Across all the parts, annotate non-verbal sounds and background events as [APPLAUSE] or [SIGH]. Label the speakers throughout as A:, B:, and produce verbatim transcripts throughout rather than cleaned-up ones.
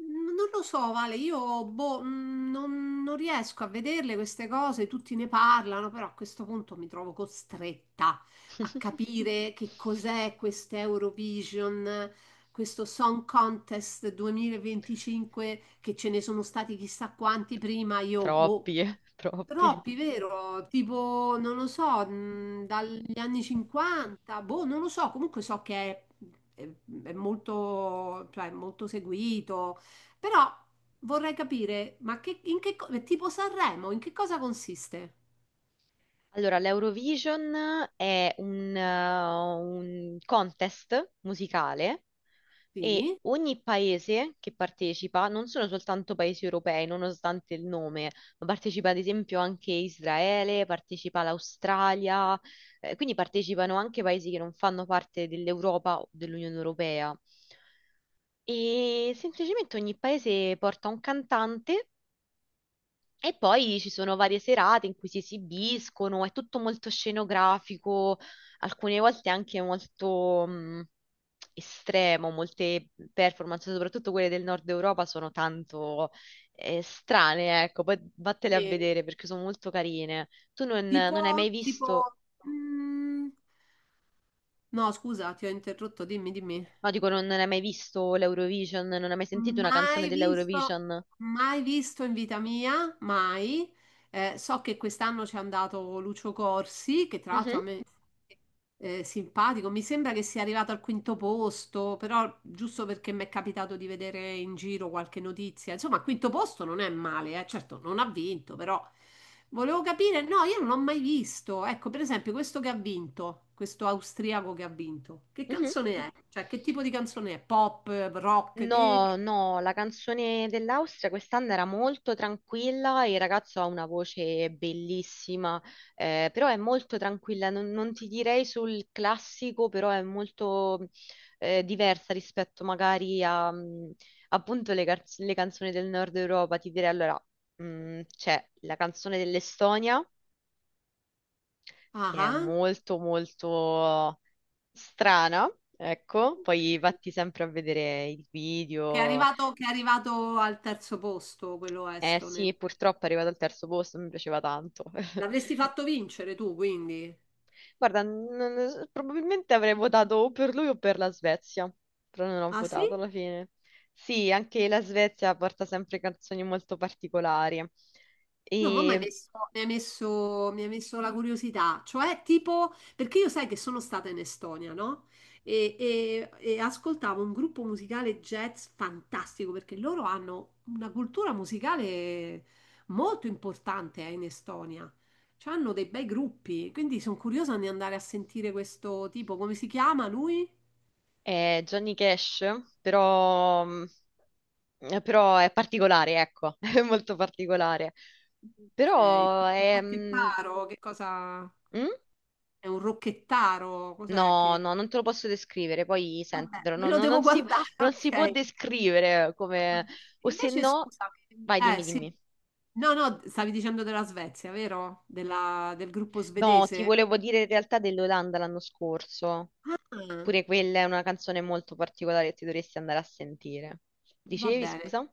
A: Non lo so, Vale, io boh, mh, non, non riesco a vederle queste cose, tutti ne parlano, però a questo punto mi trovo costretta a capire che cos'è questo Eurovision, questo Song Contest duemilaventicinque, che ce ne sono stati chissà quanti prima, io boh,
B: Troppi, eh, [LAUGHS] troppi.
A: Troppi, vero? Tipo, non lo so, mh, dagli anni cinquanta, boh, non lo so, comunque so che è, è- è molto, cioè, è molto seguito, però vorrei capire, ma che, in che, co- è tipo Sanremo, in che cosa consiste?
B: Allora, l'Eurovision è un, eh, un contest musicale e
A: Sì?
B: ogni paese che partecipa, non sono soltanto paesi europei, nonostante il nome, ma partecipa ad esempio anche Israele, partecipa l'Australia, eh, quindi partecipano anche paesi che non fanno parte dell'Europa o dell'Unione Europea. E semplicemente ogni paese porta un cantante. E poi ci sono varie serate in cui si esibiscono, è tutto molto scenografico, alcune volte anche molto mh, estremo, molte performance, soprattutto quelle del nord Europa, sono tanto eh, strane, ecco, poi vattele a
A: Sì.
B: vedere perché sono molto carine. Tu non,
A: Tipo,
B: non hai mai
A: tipo,
B: visto,
A: mh, no, scusa, ti ho interrotto, dimmi, dimmi.
B: no, dico, non, non hai mai visto l'Eurovision, non hai mai sentito una canzone
A: Mai visto,
B: dell'Eurovision?
A: mai visto in vita mia, mai. Eh, so che quest'anno c'è andato Lucio Corsi, che tra l'altro
B: Mhm,
A: a me è simpatico. Mi sembra che sia arrivato al quinto posto, però giusto perché mi è capitato di vedere in giro qualche notizia. Insomma, al quinto posto non è male, eh. Certo, non ha vinto, però volevo capire. No, io non l'ho mai visto. Ecco, per esempio, questo che ha vinto, questo austriaco che ha vinto, che
B: mhm.
A: canzone è? Cioè, che tipo di canzone è? Pop, rock?
B: No,
A: Che,
B: no, la canzone dell'Austria quest'anno era molto tranquilla, il ragazzo ha una voce bellissima, eh, però è molto tranquilla, non, non ti direi sul classico, però è molto eh, diversa rispetto magari a mh, appunto le, car- le canzoni del Nord Europa. Ti direi allora, mh, c'è la canzone dell'Estonia,
A: Ah,
B: che è
A: ah.
B: molto molto strana, ecco,
A: Ok.
B: poi vatti sempre a vedere il
A: Che è
B: video.
A: arrivato, che è arrivato al terzo posto, quello
B: Eh
A: estone.
B: sì, purtroppo è arrivato al terzo posto, mi piaceva tanto.
A: L'avresti
B: [LAUGHS]
A: fatto vincere tu, quindi.
B: Guarda, non- probabilmente avrei votato o per lui o per la Svezia, però non ho
A: Ah sì?
B: votato alla fine. Sì, anche la Svezia porta sempre canzoni molto particolari.
A: No, ma mi hai
B: E
A: messo, mi hai messo- mi hai messo la curiosità, cioè tipo, perché io sai che sono stata in Estonia, no? E, e- e ascoltavo un gruppo musicale jazz fantastico, perché loro hanno una cultura musicale molto importante, eh, in Estonia. Cioè, hanno dei bei gruppi, quindi sono curiosa di andare a sentire questo tipo, come si chiama lui?
B: è Johnny Cash, però, però è particolare, ecco, [LAUGHS] è molto particolare.
A: Ok,
B: Però
A: un
B: è... mm?
A: rocchettaro, che cosa?
B: Mm?
A: È un rocchettaro, cos'è
B: No,
A: che...
B: no, non te lo posso descrivere, poi
A: Vabbè,
B: sentitelo,
A: me
B: no,
A: lo
B: no,
A: devo
B: non si,
A: guardare, [LAUGHS]
B: non si può
A: ok.
B: descrivere come... O se
A: Invece,
B: no...
A: scusami,
B: Vai,
A: eh
B: dimmi,
A: sì,
B: dimmi.
A: no, no, stavi dicendo della Svezia, vero? Della- del gruppo
B: No, ti
A: svedese?
B: volevo dire in realtà dell'Olanda l'anno scorso.
A: Ah,
B: Pure quella è una canzone molto particolare che ti dovresti andare a sentire.
A: va
B: Dicevi,
A: bene.
B: scusa?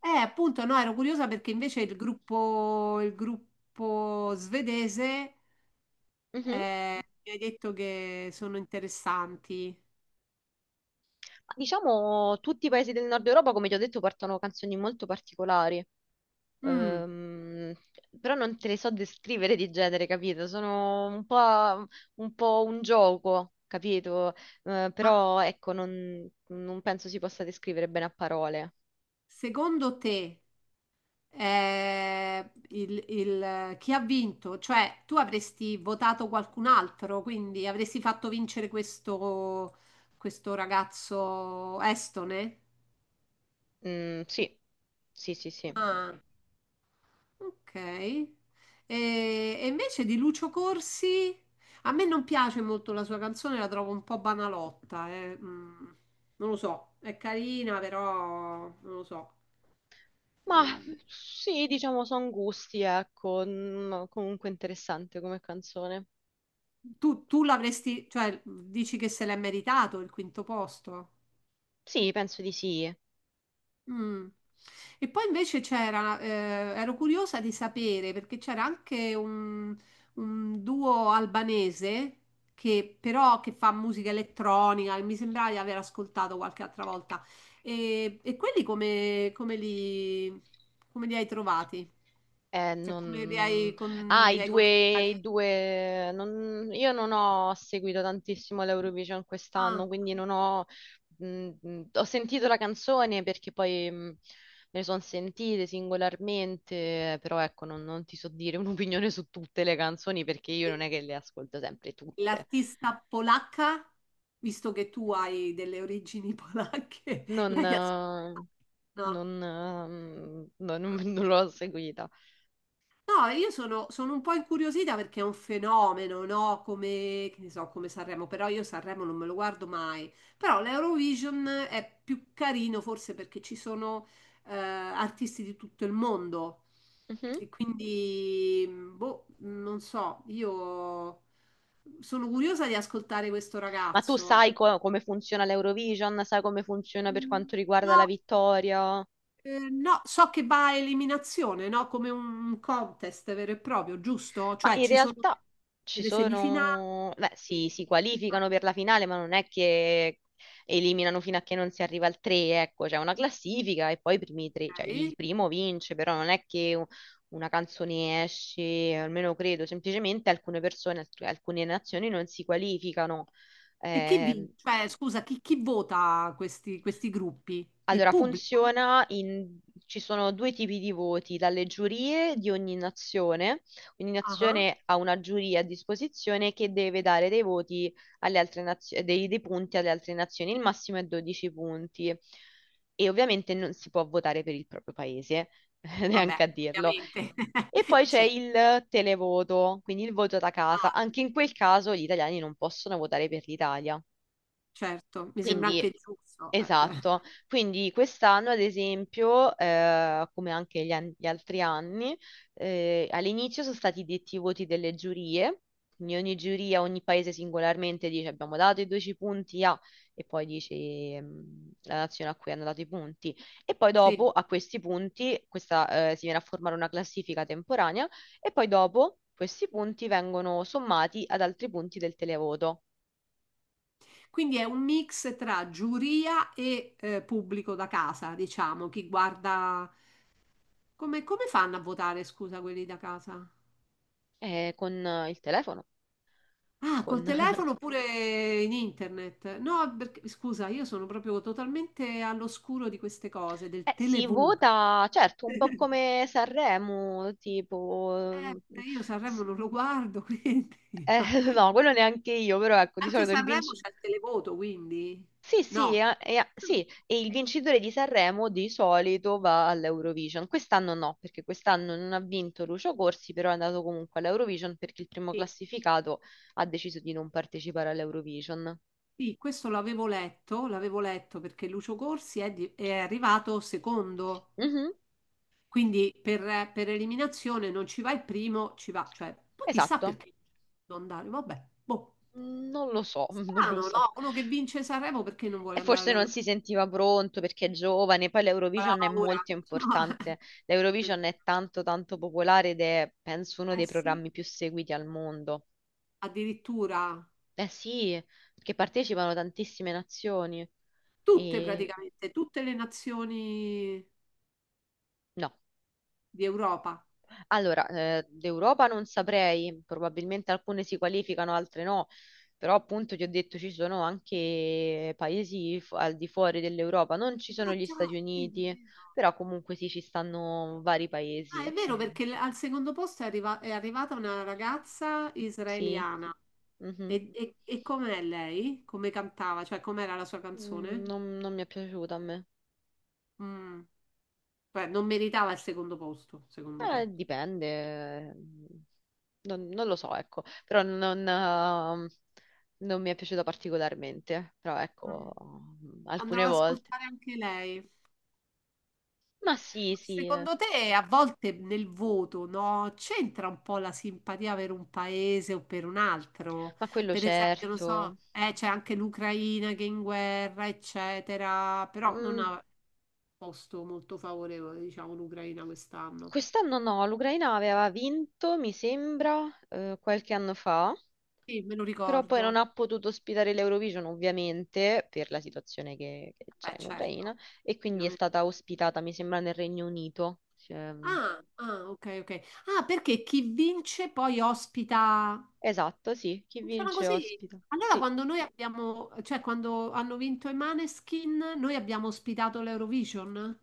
A: Eh, appunto, no, ero curiosa perché invece il gruppo, il gruppo svedese
B: Mhm.
A: eh, mi hai detto che sono interessanti.
B: Ma diciamo, tutti i paesi del nord Europa, come ti ho detto, portano canzoni molto particolari.
A: Mm,
B: Ehm, però non te le so descrivere di genere, capito? Sono un po', un po' un gioco, capito? Eh,
A: ma
B: però ecco, non, non penso si possa descrivere bene a parole.
A: secondo te eh, il- il- chi ha vinto, cioè tu avresti votato qualcun altro, quindi avresti fatto vincere questo, questo ragazzo estone.
B: Mm, sì, sì, sì, sì.
A: Ah, ok. E, e invece di Lucio Corsi, a me non piace molto la sua canzone, la trovo un po' banalotta, eh, mm, non lo so, è carina, però non lo so.
B: Ma sì, diciamo, sono gusti, ecco. Mm, comunque interessante come canzone.
A: Tu, tu l'avresti, cioè, dici che se l'è meritato il quinto posto?
B: Sì, penso di sì.
A: Mm. E poi invece c'era, eh, ero curiosa di sapere perché c'era anche un, un duo albanese che però che fa musica elettronica, e mi sembrava di aver ascoltato qualche altra volta. E, e quelli come, come li, come li hai trovati?
B: Eh,
A: Cioè come li
B: non...
A: hai, con-
B: Ah,
A: li
B: i
A: hai
B: due,
A: considerati?
B: i due... non- Io non ho seguito tantissimo l'Eurovision
A: Ah,
B: quest'anno, quindi non ho... mh, mh, ho sentito la canzone perché poi mh, me ne sono sentite singolarmente, però ecco, non, non ti so dire [LAUGHS] un'opinione su tutte le canzoni perché io
A: e
B: non è che le ascolto sempre tutte.
A: l'artista polacca, visto che tu hai delle origini polacche, [LAUGHS]
B: Non...
A: l'hai ascoltato?
B: eh,
A: No.
B: Non, eh, non, [LAUGHS] non l'ho seguita.
A: No, io sono, sono un po' incuriosita perché è un fenomeno, no? Come, che ne so, come Sanremo, però io Sanremo non me lo guardo mai. Però l'Eurovision è più carino forse perché ci sono eh, artisti di tutto il mondo e quindi, boh, non so, io sono curiosa di ascoltare questo
B: Ma tu
A: ragazzo.
B: sai co- come funziona l'Eurovision? Sai come funziona per quanto riguarda la
A: No,
B: vittoria?
A: eh, no, so che va a eliminazione, no? Come un contest vero e proprio, giusto?
B: Ma
A: Cioè
B: in
A: ci sono
B: realtà ci
A: delle semifinali.
B: sono... Beh, si, si
A: Ah,
B: qualificano per la finale, ma non è che eliminano fino a che non si arriva al tre, ecco, c'è una classifica e poi i primi tre, cioè il
A: ok.
B: primo vince, però non è che u- una canzone esce, almeno credo, semplicemente alcune persone, alc- alcune nazioni non si qualificano.
A: E chi
B: Ehm,
A: vince? Cioè, scusa, chi, chi vota questi, questi gruppi? Il
B: Allora,
A: pubblico?
B: funziona in... ci sono due tipi di voti, dalle giurie di ogni nazione. Ogni
A: Ah, ah.
B: nazione ha una giuria a disposizione che deve dare dei voti alle altre nazioni, dei, dei punti alle altre nazioni. Il massimo è dodici punti. E ovviamente non si può votare per il proprio paese, [LAUGHS]
A: Vabbè,
B: neanche a dirlo.
A: ovviamente.
B: E poi
A: [LAUGHS]
B: c'è
A: Cioè,
B: il televoto, quindi il voto da casa.
A: ah,
B: Anche in quel caso gli italiani non possono votare per l'Italia.
A: certo, mi sembra
B: Quindi,
A: anche giusto. Eh,
B: esatto,
A: [LAUGHS]
B: quindi quest'anno ad esempio, eh, come anche gli, an- gli altri anni, eh, all'inizio sono stati detti i voti delle giurie, quindi ogni giuria, ogni paese singolarmente dice abbiamo dato i dodici punti a, e poi dice ehm, la nazione a cui hanno dato i punti, e poi
A: sì.
B: dopo a questi punti questa, eh, si viene a formare una classifica temporanea e poi dopo questi punti vengono sommati ad altri punti del televoto,
A: Quindi è un mix tra giuria e eh, pubblico da casa, diciamo, chi guarda. Come, come fanno a votare, scusa, quelli da casa?
B: eh, con eh, il telefono
A: Ah, col
B: con.
A: telefono oppure in internet? No, perché, scusa, io sono proprio totalmente all'oscuro di queste cose, del
B: Eh, si
A: televoto.
B: vota, certo, un po'
A: [LAUGHS]
B: come Sanremo, tipo...
A: Eh, io Sanremo
B: s-
A: non lo guardo, [LAUGHS] quindi
B: eh,
A: no.
B: [LAUGHS] no, quello neanche io, però ecco, di
A: Anche
B: solito il
A: Sanremo
B: vincitore...
A: c'è il televoto, quindi
B: Sì, sì,
A: no.
B: eh, eh, sì, e il
A: Ok.
B: vincitore di Sanremo di solito va all'Eurovision. Quest'anno no, perché quest'anno non ha vinto Lucio Corsi, però è andato comunque all'Eurovision perché il primo
A: Sì,
B: classificato ha deciso di non partecipare all'Eurovision.
A: sì, questo l'avevo letto, l'avevo letto, perché Lucio Corsi è, di- è arrivato secondo.
B: Mhm,
A: Quindi per, per eliminazione non ci va il primo, ci va, cioè, poi chissà
B: esatto.
A: perché non andare, vabbè, boh.
B: Non lo so, [LAUGHS] non lo
A: Strano,
B: so.
A: no? Uno che vince Sanremo perché non vuole
B: E
A: andare
B: forse non
A: all'Europa?
B: si sentiva pronto perché è giovane, poi
A: Aveva
B: l'Eurovision è
A: paura.
B: molto importante.
A: [LAUGHS] No.
B: L'Eurovision è tanto tanto popolare ed è, penso, uno
A: Eh
B: dei
A: sì,
B: programmi più seguiti al mondo.
A: addirittura
B: Eh sì, perché partecipano tantissime nazioni.
A: tutte
B: E...
A: praticamente, tutte le nazioni
B: No.
A: di Europa.
B: Allora, eh, d'Europa non saprei, probabilmente alcune si qualificano, altre no, però appunto ti ho detto ci sono anche paesi fu- al di fuori dell'Europa, non ci sono
A: Ah
B: gli
A: già,
B: Stati
A: è vero, è
B: Uniti,
A: vero.
B: però comunque sì, ci stanno vari paesi.
A: Ah, è vero,
B: Eh.
A: perché l- al secondo posto è, arriva- è arrivata una ragazza
B: Sì.
A: israeliana.
B: Mhm.
A: E, e, e com'è lei? Come cantava? Cioè, com'era la sua
B: Mm,
A: canzone?
B: non, non mi è piaciuta a me.
A: Mm. Beh, non meritava il secondo posto, secondo
B: Eh,
A: te.
B: dipende. Mm, Non, non lo so, ecco. Però non, ehm, non mi è piaciuta particolarmente. Però
A: Mm.
B: ecco,
A: Andrò
B: alcune
A: ad
B: volte.
A: ascoltare anche lei.
B: Ma sì,
A: Ma
B: sì, eh.
A: secondo te, a volte nel voto, no, c'entra un po' la simpatia per un paese o per un altro?
B: Ma quello
A: Per esempio, non so,
B: certo.
A: eh, c'è anche l'Ucraina che è in guerra, eccetera, però non
B: Mm,
A: ha posto molto favorevole, diciamo, l'Ucraina quest'anno.
B: quest'anno no, l'Ucraina aveva vinto, mi sembra, eh, qualche anno fa,
A: Sì, me lo
B: però poi
A: ricordo.
B: non ha potuto ospitare l'Eurovision, ovviamente, per la situazione che, che
A: Beh,
B: c'è in
A: certo,
B: Ucraina, e quindi è
A: ovviamente.
B: stata ospitata, mi sembra, nel Regno Unito. Ehm,
A: Ah, ah, ok, ok. Ah, perché chi vince poi ospita.
B: esatto, sì, chi
A: Funziona
B: vince
A: così.
B: ospita.
A: Allora,
B: Sì,
A: quando noi abbiamo, cioè quando hanno vinto i Maneskin, noi abbiamo ospitato l'Eurovision.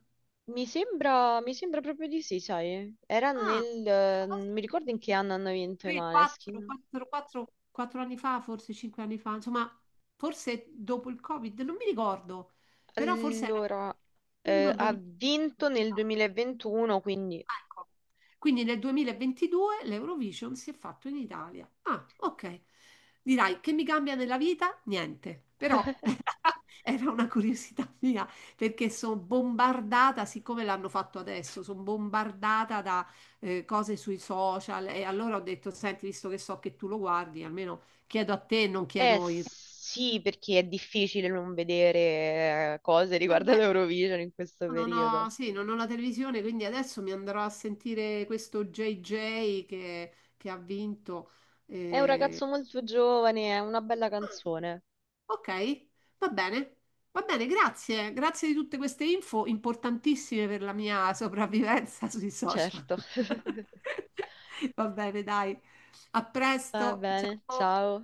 B: mi sembra, mi sembra proprio di sì, sai. Era
A: Ah,
B: nel... eh,
A: questa cosa
B: non mi ricordo in che anno hanno vinto i
A: tre, quattro,
B: Maneskin.
A: quattro, quattro, quattro anni fa, forse cinque anni fa, insomma, forse dopo il Covid, non mi ricordo, però forse era
B: Allora,
A: uno
B: eh, ha
A: duemila.
B: vinto nel duemilaventuno, quindi...
A: Ecco. Quindi nel duemilaventidue l'Eurovision si è fatto in Italia. Ah, ok. Dirai, che mi cambia nella vita? Niente, però
B: [LAUGHS]
A: [LAUGHS] era una curiosità mia perché sono bombardata, siccome l'hanno fatto adesso, sono bombardata da eh, cose sui social e allora ho detto, senti, visto che so che tu lo guardi, almeno chiedo a te, non
B: Eh
A: chiedo il...
B: sì, perché è difficile non vedere eh, cose riguardo all'Eurovision in questo
A: Non ho,
B: periodo.
A: sì, non ho la televisione, quindi adesso mi andrò a sentire questo J J che, che ha vinto.
B: È un
A: eh.
B: ragazzo molto giovane, è una bella
A: Ah,
B: canzone,
A: ok, va bene, va bene, grazie. Grazie di tutte queste info importantissime per la mia sopravvivenza sui social.
B: certo. [LAUGHS]
A: [LAUGHS] Va bene, dai. A
B: Va
A: presto.
B: bene,
A: Ciao.
B: ciao.